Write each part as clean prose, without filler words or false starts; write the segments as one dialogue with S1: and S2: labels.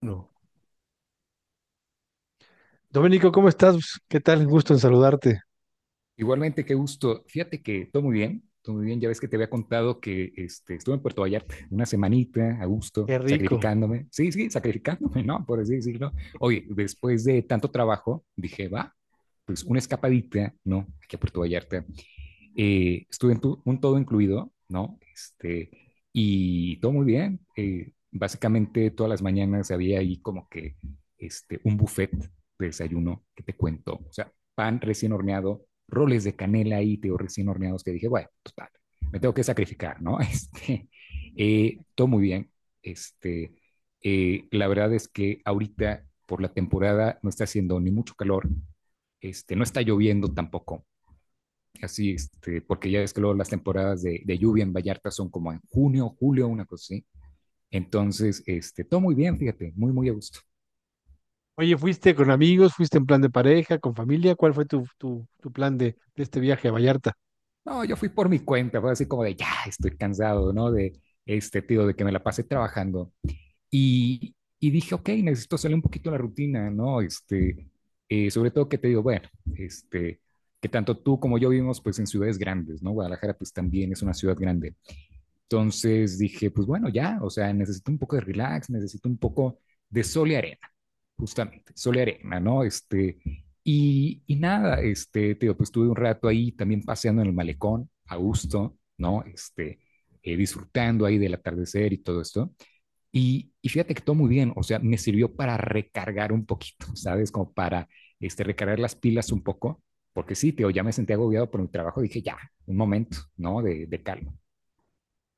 S1: No. Domenico, ¿cómo estás? ¿Qué tal? Un gusto en saludarte.
S2: Igualmente, qué gusto. Fíjate que todo muy bien, todo muy bien. Ya ves que te había contado que estuve en Puerto Vallarta una semanita a gusto,
S1: Qué rico.
S2: sacrificándome. Sí, sí, sacrificándome, ¿no? Por así decirlo. Oye, después de tanto trabajo, dije, va, pues una escapadita, ¿no? Aquí a Puerto Vallarta estuve en un todo incluido, ¿no? Y todo muy bien. Básicamente todas las mañanas había ahí como que un buffet de desayuno que te cuento. O sea, pan recién horneado, roles de canela ahí, te digo, recién horneados, que dije, bueno, total, me tengo que sacrificar, ¿no? Todo muy bien. Este, la verdad es que ahorita por la temporada no está haciendo ni mucho calor, no está lloviendo tampoco. Así, porque ya ves que luego las temporadas de lluvia en Vallarta son como en junio, julio, una cosa así. Entonces, todo muy bien, fíjate, muy, muy a gusto.
S1: Oye, ¿fuiste con amigos? ¿Fuiste en plan de pareja, con familia? ¿Cuál fue tu plan de este viaje a Vallarta?
S2: No, yo fui por mi cuenta, fue así como de, ya, estoy cansado, ¿no? De este tío, de que me la pase trabajando. Y dije, ok, necesito salir un poquito de la rutina, ¿no? Sobre todo que te digo, bueno, este, que tanto tú como yo vivimos pues en ciudades grandes, ¿no? Guadalajara pues también es una ciudad grande. Entonces dije, pues bueno, ya, o sea, necesito un poco de relax, necesito un poco de sol y arena, justamente, sol y arena, ¿no? Y nada, te digo, pues estuve un rato ahí también paseando en el malecón, a gusto, ¿no? Disfrutando ahí del atardecer y todo esto. Y fíjate que todo muy bien, o sea, me sirvió para recargar un poquito, ¿sabes? Como para recargar las pilas un poco, porque sí, te digo, ya me sentía agobiado por mi trabajo, dije, ya, un momento, ¿no? De calma.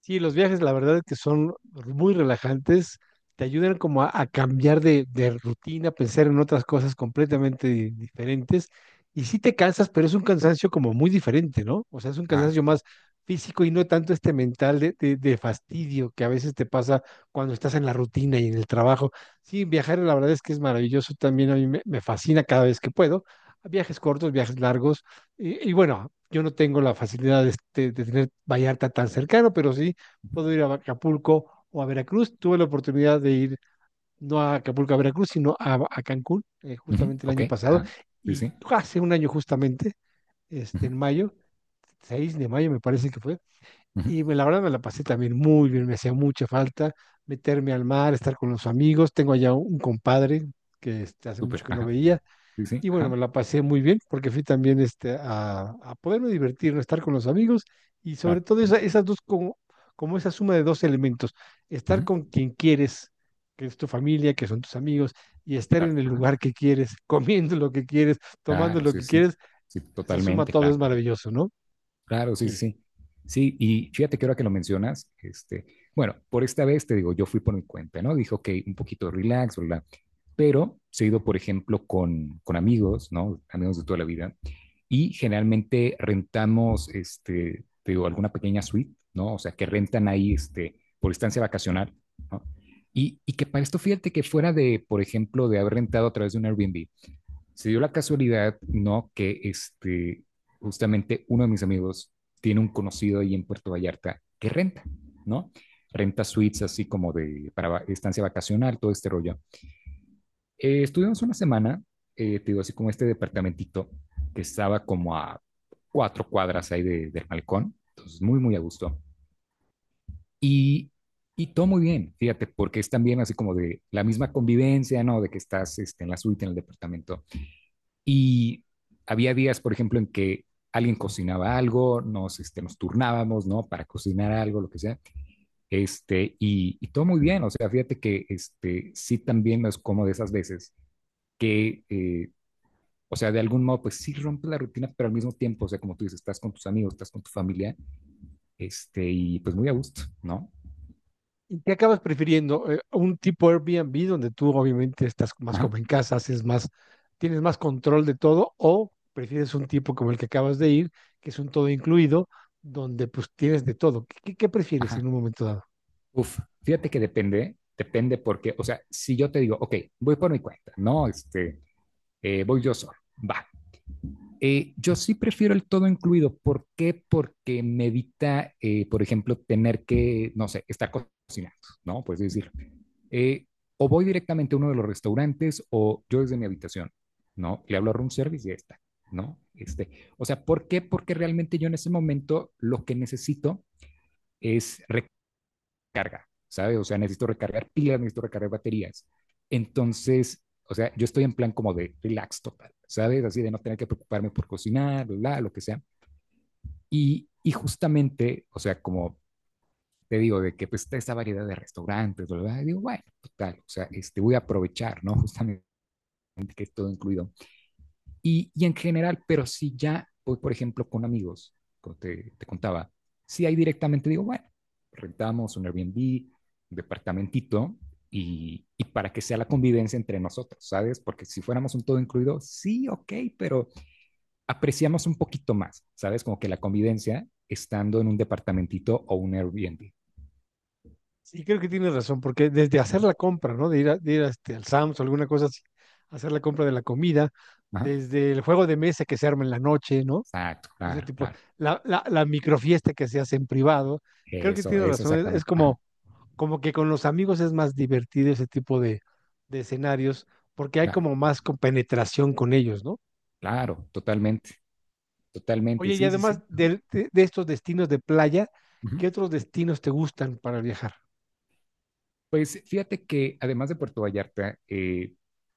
S1: Sí, los viajes, la verdad es que son muy relajantes, te ayudan como a cambiar de rutina, pensar en otras cosas completamente diferentes. Y sí te cansas, pero es un cansancio como muy diferente, ¿no? O sea, es un
S2: Ah.
S1: cansancio más físico y no tanto este mental de, de fastidio que a veces te pasa cuando estás en la rutina y en el trabajo. Sí, viajar la verdad es que es maravilloso también, a me fascina cada vez que puedo. Viajes cortos, viajes largos. Y bueno, yo no tengo la facilidad de, de tener Vallarta tan cercano, pero sí puedo ir a Acapulco o a Veracruz. Tuve la oportunidad de ir no a Acapulco, a Veracruz, sino a Cancún,
S2: Ujú.
S1: justamente el
S2: Ok,
S1: año pasado,
S2: ajá. Sí,
S1: y
S2: sí.
S1: hace un año justamente, este,
S2: Ujú.
S1: en mayo, 6 de mayo me parece que fue,
S2: Ujú.
S1: y la verdad me la pasé también muy bien, me hacía mucha falta meterme al mar, estar con los amigos, tengo allá un compadre que este, hace mucho
S2: Súper,
S1: que no
S2: ajá.
S1: veía,
S2: Sí, sí,
S1: y bueno, me
S2: ajá.
S1: la pasé muy bien porque fui también este, a poderme divertir, ¿no? Estar con los amigos y sobre
S2: Claro.
S1: todo esas dos, como, como esa suma de dos elementos,
S2: Ujú.
S1: estar con quien quieres, que es tu familia, que son tus amigos, y estar
S2: Claro,
S1: en el
S2: ajá.
S1: lugar que quieres, comiendo lo que quieres, tomando
S2: Claro,
S1: lo
S2: sí,
S1: que
S2: sí.
S1: quieres,
S2: Sí,
S1: se suma
S2: totalmente,
S1: todo, es
S2: claro.
S1: maravilloso, ¿no?
S2: Claro, sí,
S1: Sí.
S2: sí, sí. Sí, y fíjate que ahora que lo mencionas, bueno, por esta vez te digo, yo fui por mi cuenta, ¿no? Dije, ok, un poquito relax, bla, bla. Pero se he ido, por ejemplo, con amigos, ¿no? Amigos de toda la vida, y generalmente rentamos, te digo, alguna pequeña suite, ¿no? O sea, que rentan ahí, por estancia vacacional, ¿no? Y que para esto, fíjate que fuera de, por ejemplo, de haber rentado a través de un Airbnb, se dio la casualidad, ¿no? Que justamente uno de mis amigos tiene un conocido ahí en Puerto Vallarta que renta, ¿no? Renta suites así como de, para estancia vacacional, todo este rollo. Estuvimos una semana, te digo, así como este departamentito que estaba como a 4 cuadras ahí del balcón, entonces muy, muy a gusto. Y, y todo muy bien, fíjate, porque es también así como de la misma convivencia, ¿no? De que estás en la suite, en el departamento, y había días, por ejemplo, en que alguien cocinaba algo, nos turnábamos, ¿no? Para cocinar algo, lo que sea, y todo muy bien, o sea, fíjate que, sí también es como de esas veces que, o sea, de algún modo, pues sí rompe la rutina, pero al mismo tiempo, o sea, como tú dices, estás con tus amigos, estás con tu familia, y pues muy a gusto, ¿no?
S1: ¿Y ¿qué acabas prefiriendo? ¿Un tipo Airbnb donde tú obviamente estás más
S2: Ajá,
S1: como en casa, haces más, tienes más control de todo? ¿O prefieres un tipo como el que acabas de ir, que es un todo incluido, donde pues tienes de todo? ¿Qué, qué prefieres en
S2: ajá,
S1: un momento dado?
S2: uf, fíjate que depende, depende porque, o sea, si yo te digo, ok, voy por mi cuenta, ¿no? Voy yo solo, va. Yo sí prefiero el todo incluido. ¿Por qué? Porque me evita, por ejemplo, tener que, no sé, estar cocinando, ¿no? Pues decir, eh, o voy directamente a uno de los restaurantes o yo desde mi habitación, ¿no? Le hablo a room service y ya está, ¿no? O sea, ¿por qué? Porque realmente yo en ese momento lo que necesito es carga, ¿sabes? O sea, necesito recargar pilas, necesito recargar baterías. Entonces, o sea, yo estoy en plan como de relax total, ¿sabes? Así de no tener que preocuparme por cocinar, bla, lo que sea. Y justamente, o sea, como te digo, de que pues está esa variedad de restaurantes, ¿verdad? Y digo, bueno, total, o sea, voy a aprovechar, ¿no? Justamente que es todo incluido. Y en general, pero si ya voy, por ejemplo, con amigos, como te contaba, si ahí directamente digo, bueno, rentamos un Airbnb, un departamentito, y, para que sea la convivencia entre nosotros, ¿sabes? Porque si fuéramos un todo incluido, sí, ok, pero apreciamos un poquito más, ¿sabes? Como que la convivencia estando en un departamentito o un Airbnb.
S1: Sí, creo que tienes razón, porque desde hacer la compra, ¿no? De ir, de ir a este, al Sam's o alguna cosa así, hacer la compra de la comida,
S2: Ajá.
S1: desde el juego de mesa que se arma en la noche, ¿no?
S2: Exacto,
S1: Ese
S2: claro,
S1: tipo,
S2: claro.
S1: la microfiesta que se hace en privado. Creo que
S2: Eso,
S1: tienes
S2: eso
S1: razón, es
S2: exactamente. Ajá,
S1: como como que con los amigos es más divertido ese tipo de escenarios porque hay
S2: claro,
S1: como más compenetración con ellos, ¿no?
S2: claro, totalmente, totalmente,
S1: Oye, y
S2: sí, sí,
S1: además
S2: sí. Ajá,
S1: de estos destinos de playa,
S2: ajá.
S1: ¿qué otros destinos te gustan para viajar?
S2: Pues fíjate que además de Puerto Vallarta,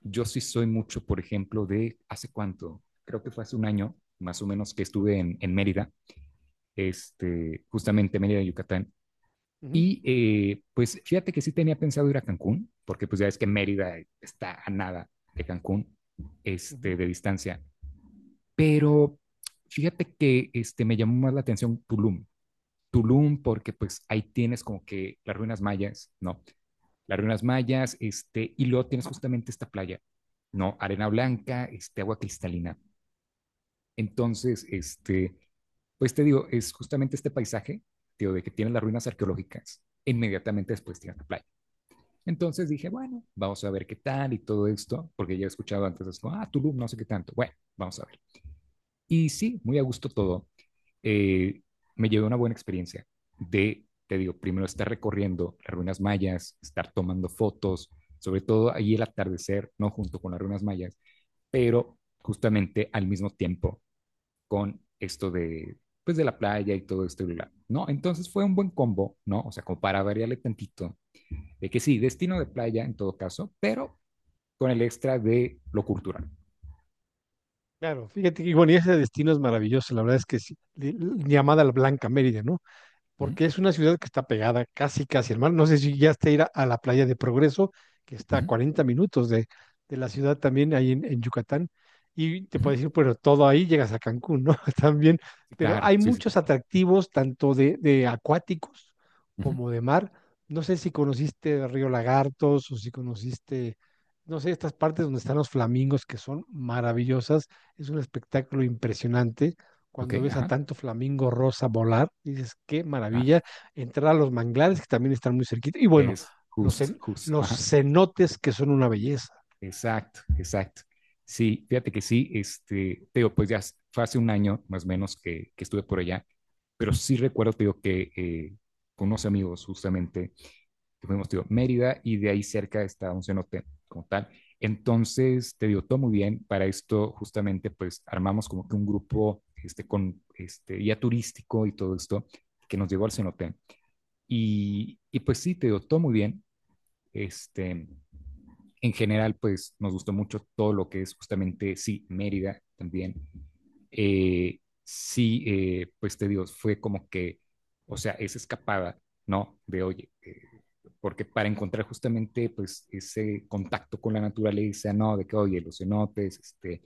S2: yo sí soy mucho, por ejemplo, de hace cuánto, creo que fue hace un año, más o menos, que estuve en, Mérida, justamente Mérida, Yucatán.
S1: Ujú,
S2: Pues fíjate que sí tenía pensado ir a Cancún, porque pues ya ves que Mérida está a nada de Cancún,
S1: ujú.
S2: de distancia. Pero fíjate que me llamó más la atención Tulum. Tulum, porque pues ahí tienes como que las ruinas mayas, ¿no? Las ruinas mayas, y luego tienes justamente esta playa, ¿no? Arena blanca, agua cristalina. Entonces, pues te digo, es justamente este paisaje, tío, de que tienes las ruinas arqueológicas, inmediatamente después tienes la playa. Entonces dije, bueno, vamos a ver qué tal y todo esto, porque ya he escuchado antes, así como, ah, Tulum, no sé qué tanto. Bueno, vamos a ver. Y sí, muy a gusto todo. eh, Me llevé una buena experiencia de, te digo, primero estar recorriendo las ruinas mayas, estar tomando fotos, sobre todo ahí el atardecer, no junto con las ruinas mayas, pero justamente al mismo tiempo con esto de, pues de la playa y todo esto, y bla, ¿no? Entonces fue un buen combo, ¿no? O sea, como para variarle tantito, de que sí, destino de playa en todo caso, pero con el extra de lo cultural.
S1: Claro, fíjate que, bueno, y ese destino es maravilloso, la verdad es que sí, llamada la Blanca Mérida, ¿no?
S2: Uh -huh,
S1: Porque es una ciudad que está pegada casi, casi al mar. No sé si ya está ir a la playa de Progreso, que está
S2: uh
S1: a
S2: -huh,
S1: 40 minutos de la ciudad también, ahí en Yucatán. Y te
S2: uh -huh.
S1: puedes decir, pero todo ahí llegas a Cancún, ¿no? También. Pero
S2: Claro,
S1: hay
S2: sí, sí.
S1: muchos atractivos, tanto de acuáticos
S2: Uh-huh.
S1: como de mar. No sé si conociste Río Lagartos o si conociste, no sé, estas partes donde están los flamingos que son maravillosas. Es un espectáculo impresionante
S2: Ok,
S1: cuando ves a
S2: ajá,
S1: tanto flamingo rosa volar, dices, qué
S2: claro.
S1: maravilla, entrar a los manglares que también están muy cerquita, y bueno,
S2: Es
S1: los,
S2: just, just.
S1: los
S2: Ajá.
S1: cenotes que son una belleza.
S2: Exacto, exacto. Sí, fíjate que sí, te digo, pues ya fue hace un año más o menos que, estuve por allá, pero sí recuerdo, te digo, que con unos amigos justamente, que fuimos, te digo, Mérida y de ahí cerca está un cenote como tal. Entonces, te digo, todo muy bien. Para esto, justamente, pues armamos como que un grupo, con guía turístico y todo esto que nos llevó al cenote. Y pues sí, te digo, todo muy bien. Este, en general, pues nos gustó mucho todo lo que es justamente, sí, Mérida también. Sí, pues te digo, fue como que, o sea, esa escapada, ¿no? Oye, porque para encontrar justamente, pues, ese contacto con la naturaleza, ¿no? De que, oye, los cenotes, este,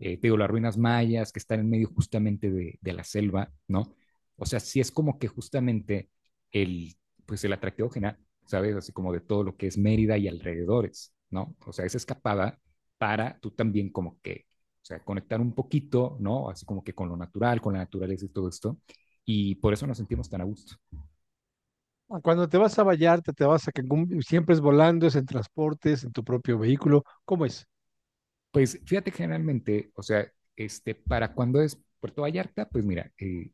S2: eh, te digo, las ruinas mayas que están en medio justamente de la selva, ¿no? O sea, sí es como que justamente el, pues el atractivo general. ¿Sabes? Así como de todo lo que es Mérida y alrededores, ¿no? O sea, esa escapada para tú también como que, o sea, conectar un poquito, ¿no? Así como que con lo natural, con la naturaleza y todo esto. Y por eso nos sentimos tan a gusto.
S1: Cuando te vas a Vallarta, te vas a Cancún, siempre es volando, es en transportes, en tu propio vehículo, ¿cómo es?
S2: Pues fíjate, generalmente, o sea, para cuando es Puerto Vallarta, pues mira,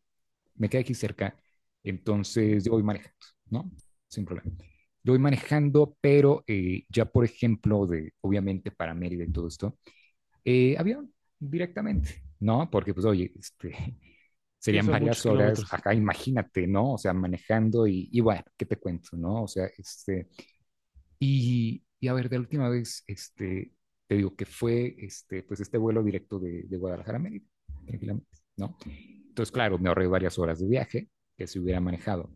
S2: me queda aquí cerca, entonces yo voy manejando, ¿no? Sin problema. Yo voy manejando, pero ya, por ejemplo, de, obviamente para Mérida y todo esto, avión directamente, ¿no? Porque pues oye,
S1: Sí,
S2: serían
S1: son muchos
S2: varias horas,
S1: kilómetros.
S2: acá imagínate, ¿no? O sea, manejando y bueno, ¿qué te cuento, no? O sea, y a ver, de la última vez, te digo que fue, pues este vuelo directo de, Guadalajara a Mérida, tranquilamente, ¿no? Entonces, claro, me ahorré varias horas de viaje que se hubiera manejado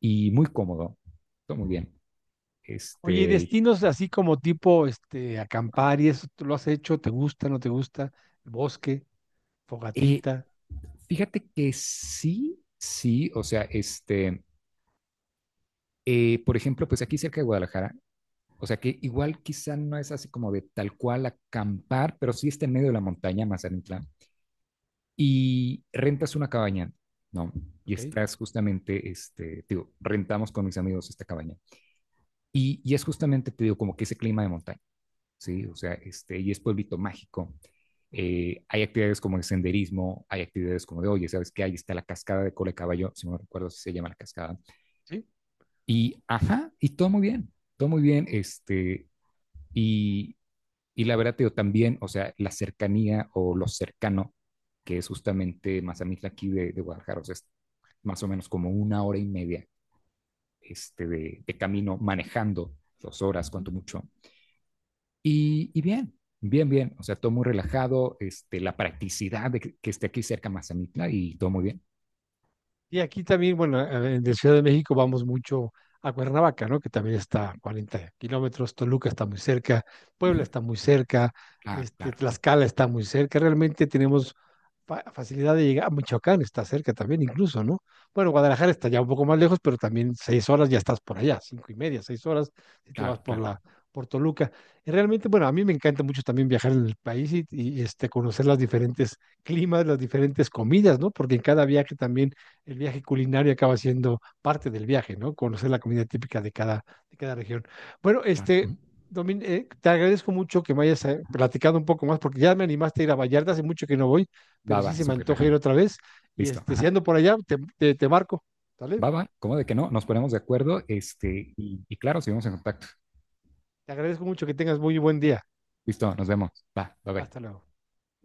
S2: y muy cómodo, todo muy bien.
S1: Oye, ¿y
S2: Este,
S1: destinos así como tipo este, acampar y eso, tú lo has hecho? ¿Te gusta, no te gusta? ¿El Bosque,
S2: eh,
S1: fogatita,
S2: fíjate que sí, sí, o sea, por ejemplo, pues aquí cerca de Guadalajara, o sea que igual quizá no es así como de tal cual acampar, pero sí está en medio de la montaña, Mazatlán, y rentas una cabaña, ¿no? Y
S1: ok?
S2: estás justamente, te digo, rentamos con mis amigos esta cabaña. Y es justamente, te digo, como que ese clima de montaña, ¿sí? O sea, y es pueblito mágico. Hay actividades como el senderismo, hay actividades como de, oye, ¿sabes qué? Ahí está la cascada de cola de caballo, si no recuerdo si se llama la cascada.
S1: Sí.
S2: Y, ajá, y todo muy bien, todo muy bien. Y, la verdad, yo también, o sea, la cercanía o lo cercano, que es justamente Mazamitla aquí de, Guadalajara, o sea, es más o menos como una hora y media, de, camino manejando, 2 horas,
S1: Ujú.
S2: cuanto mucho. Y, bien, bien, bien, o sea, todo muy relajado, la practicidad de que, esté aquí cerca Mazamitla y todo muy bien.
S1: Y aquí también, bueno, de Ciudad de México vamos mucho a Cuernavaca, ¿no? Que también está a 40 kilómetros, Toluca está muy cerca,
S2: Uh
S1: Puebla
S2: -huh.
S1: está muy cerca,
S2: Claro,
S1: este,
S2: claro,
S1: Tlaxcala está muy cerca, realmente tenemos facilidad de llegar, Michoacán está cerca también incluso, ¿no? Bueno, Guadalajara está ya un poco más lejos, pero también seis horas ya estás por allá, cinco y media, seis horas, si te vas
S2: claro,
S1: por
S2: claro,
S1: la, por Toluca. Y realmente, bueno, a mí me encanta mucho también viajar en el país y este, conocer las diferentes climas, las diferentes comidas, ¿no? Porque en cada viaje también el viaje culinario acaba siendo parte del viaje, ¿no? Conocer la comida típica de cada región. Bueno,
S2: claro. Uh
S1: este,
S2: -huh.
S1: Domin, te agradezco mucho que me hayas platicado un poco más, porque ya me animaste a ir a Vallarta, hace mucho que no voy, pero
S2: Va,
S1: sí
S2: va,
S1: se me
S2: súper,
S1: antoja
S2: ajá,
S1: ir otra vez. Y
S2: listo,
S1: este, si
S2: ajá.
S1: ando por allá, te marco, ¿vale?
S2: Va, va, ¿cómo de que no? Nos ponemos de acuerdo, y claro, seguimos en contacto.
S1: Te agradezco mucho que tengas muy buen día.
S2: Listo, nos vemos. Va, bye bye.
S1: Hasta luego.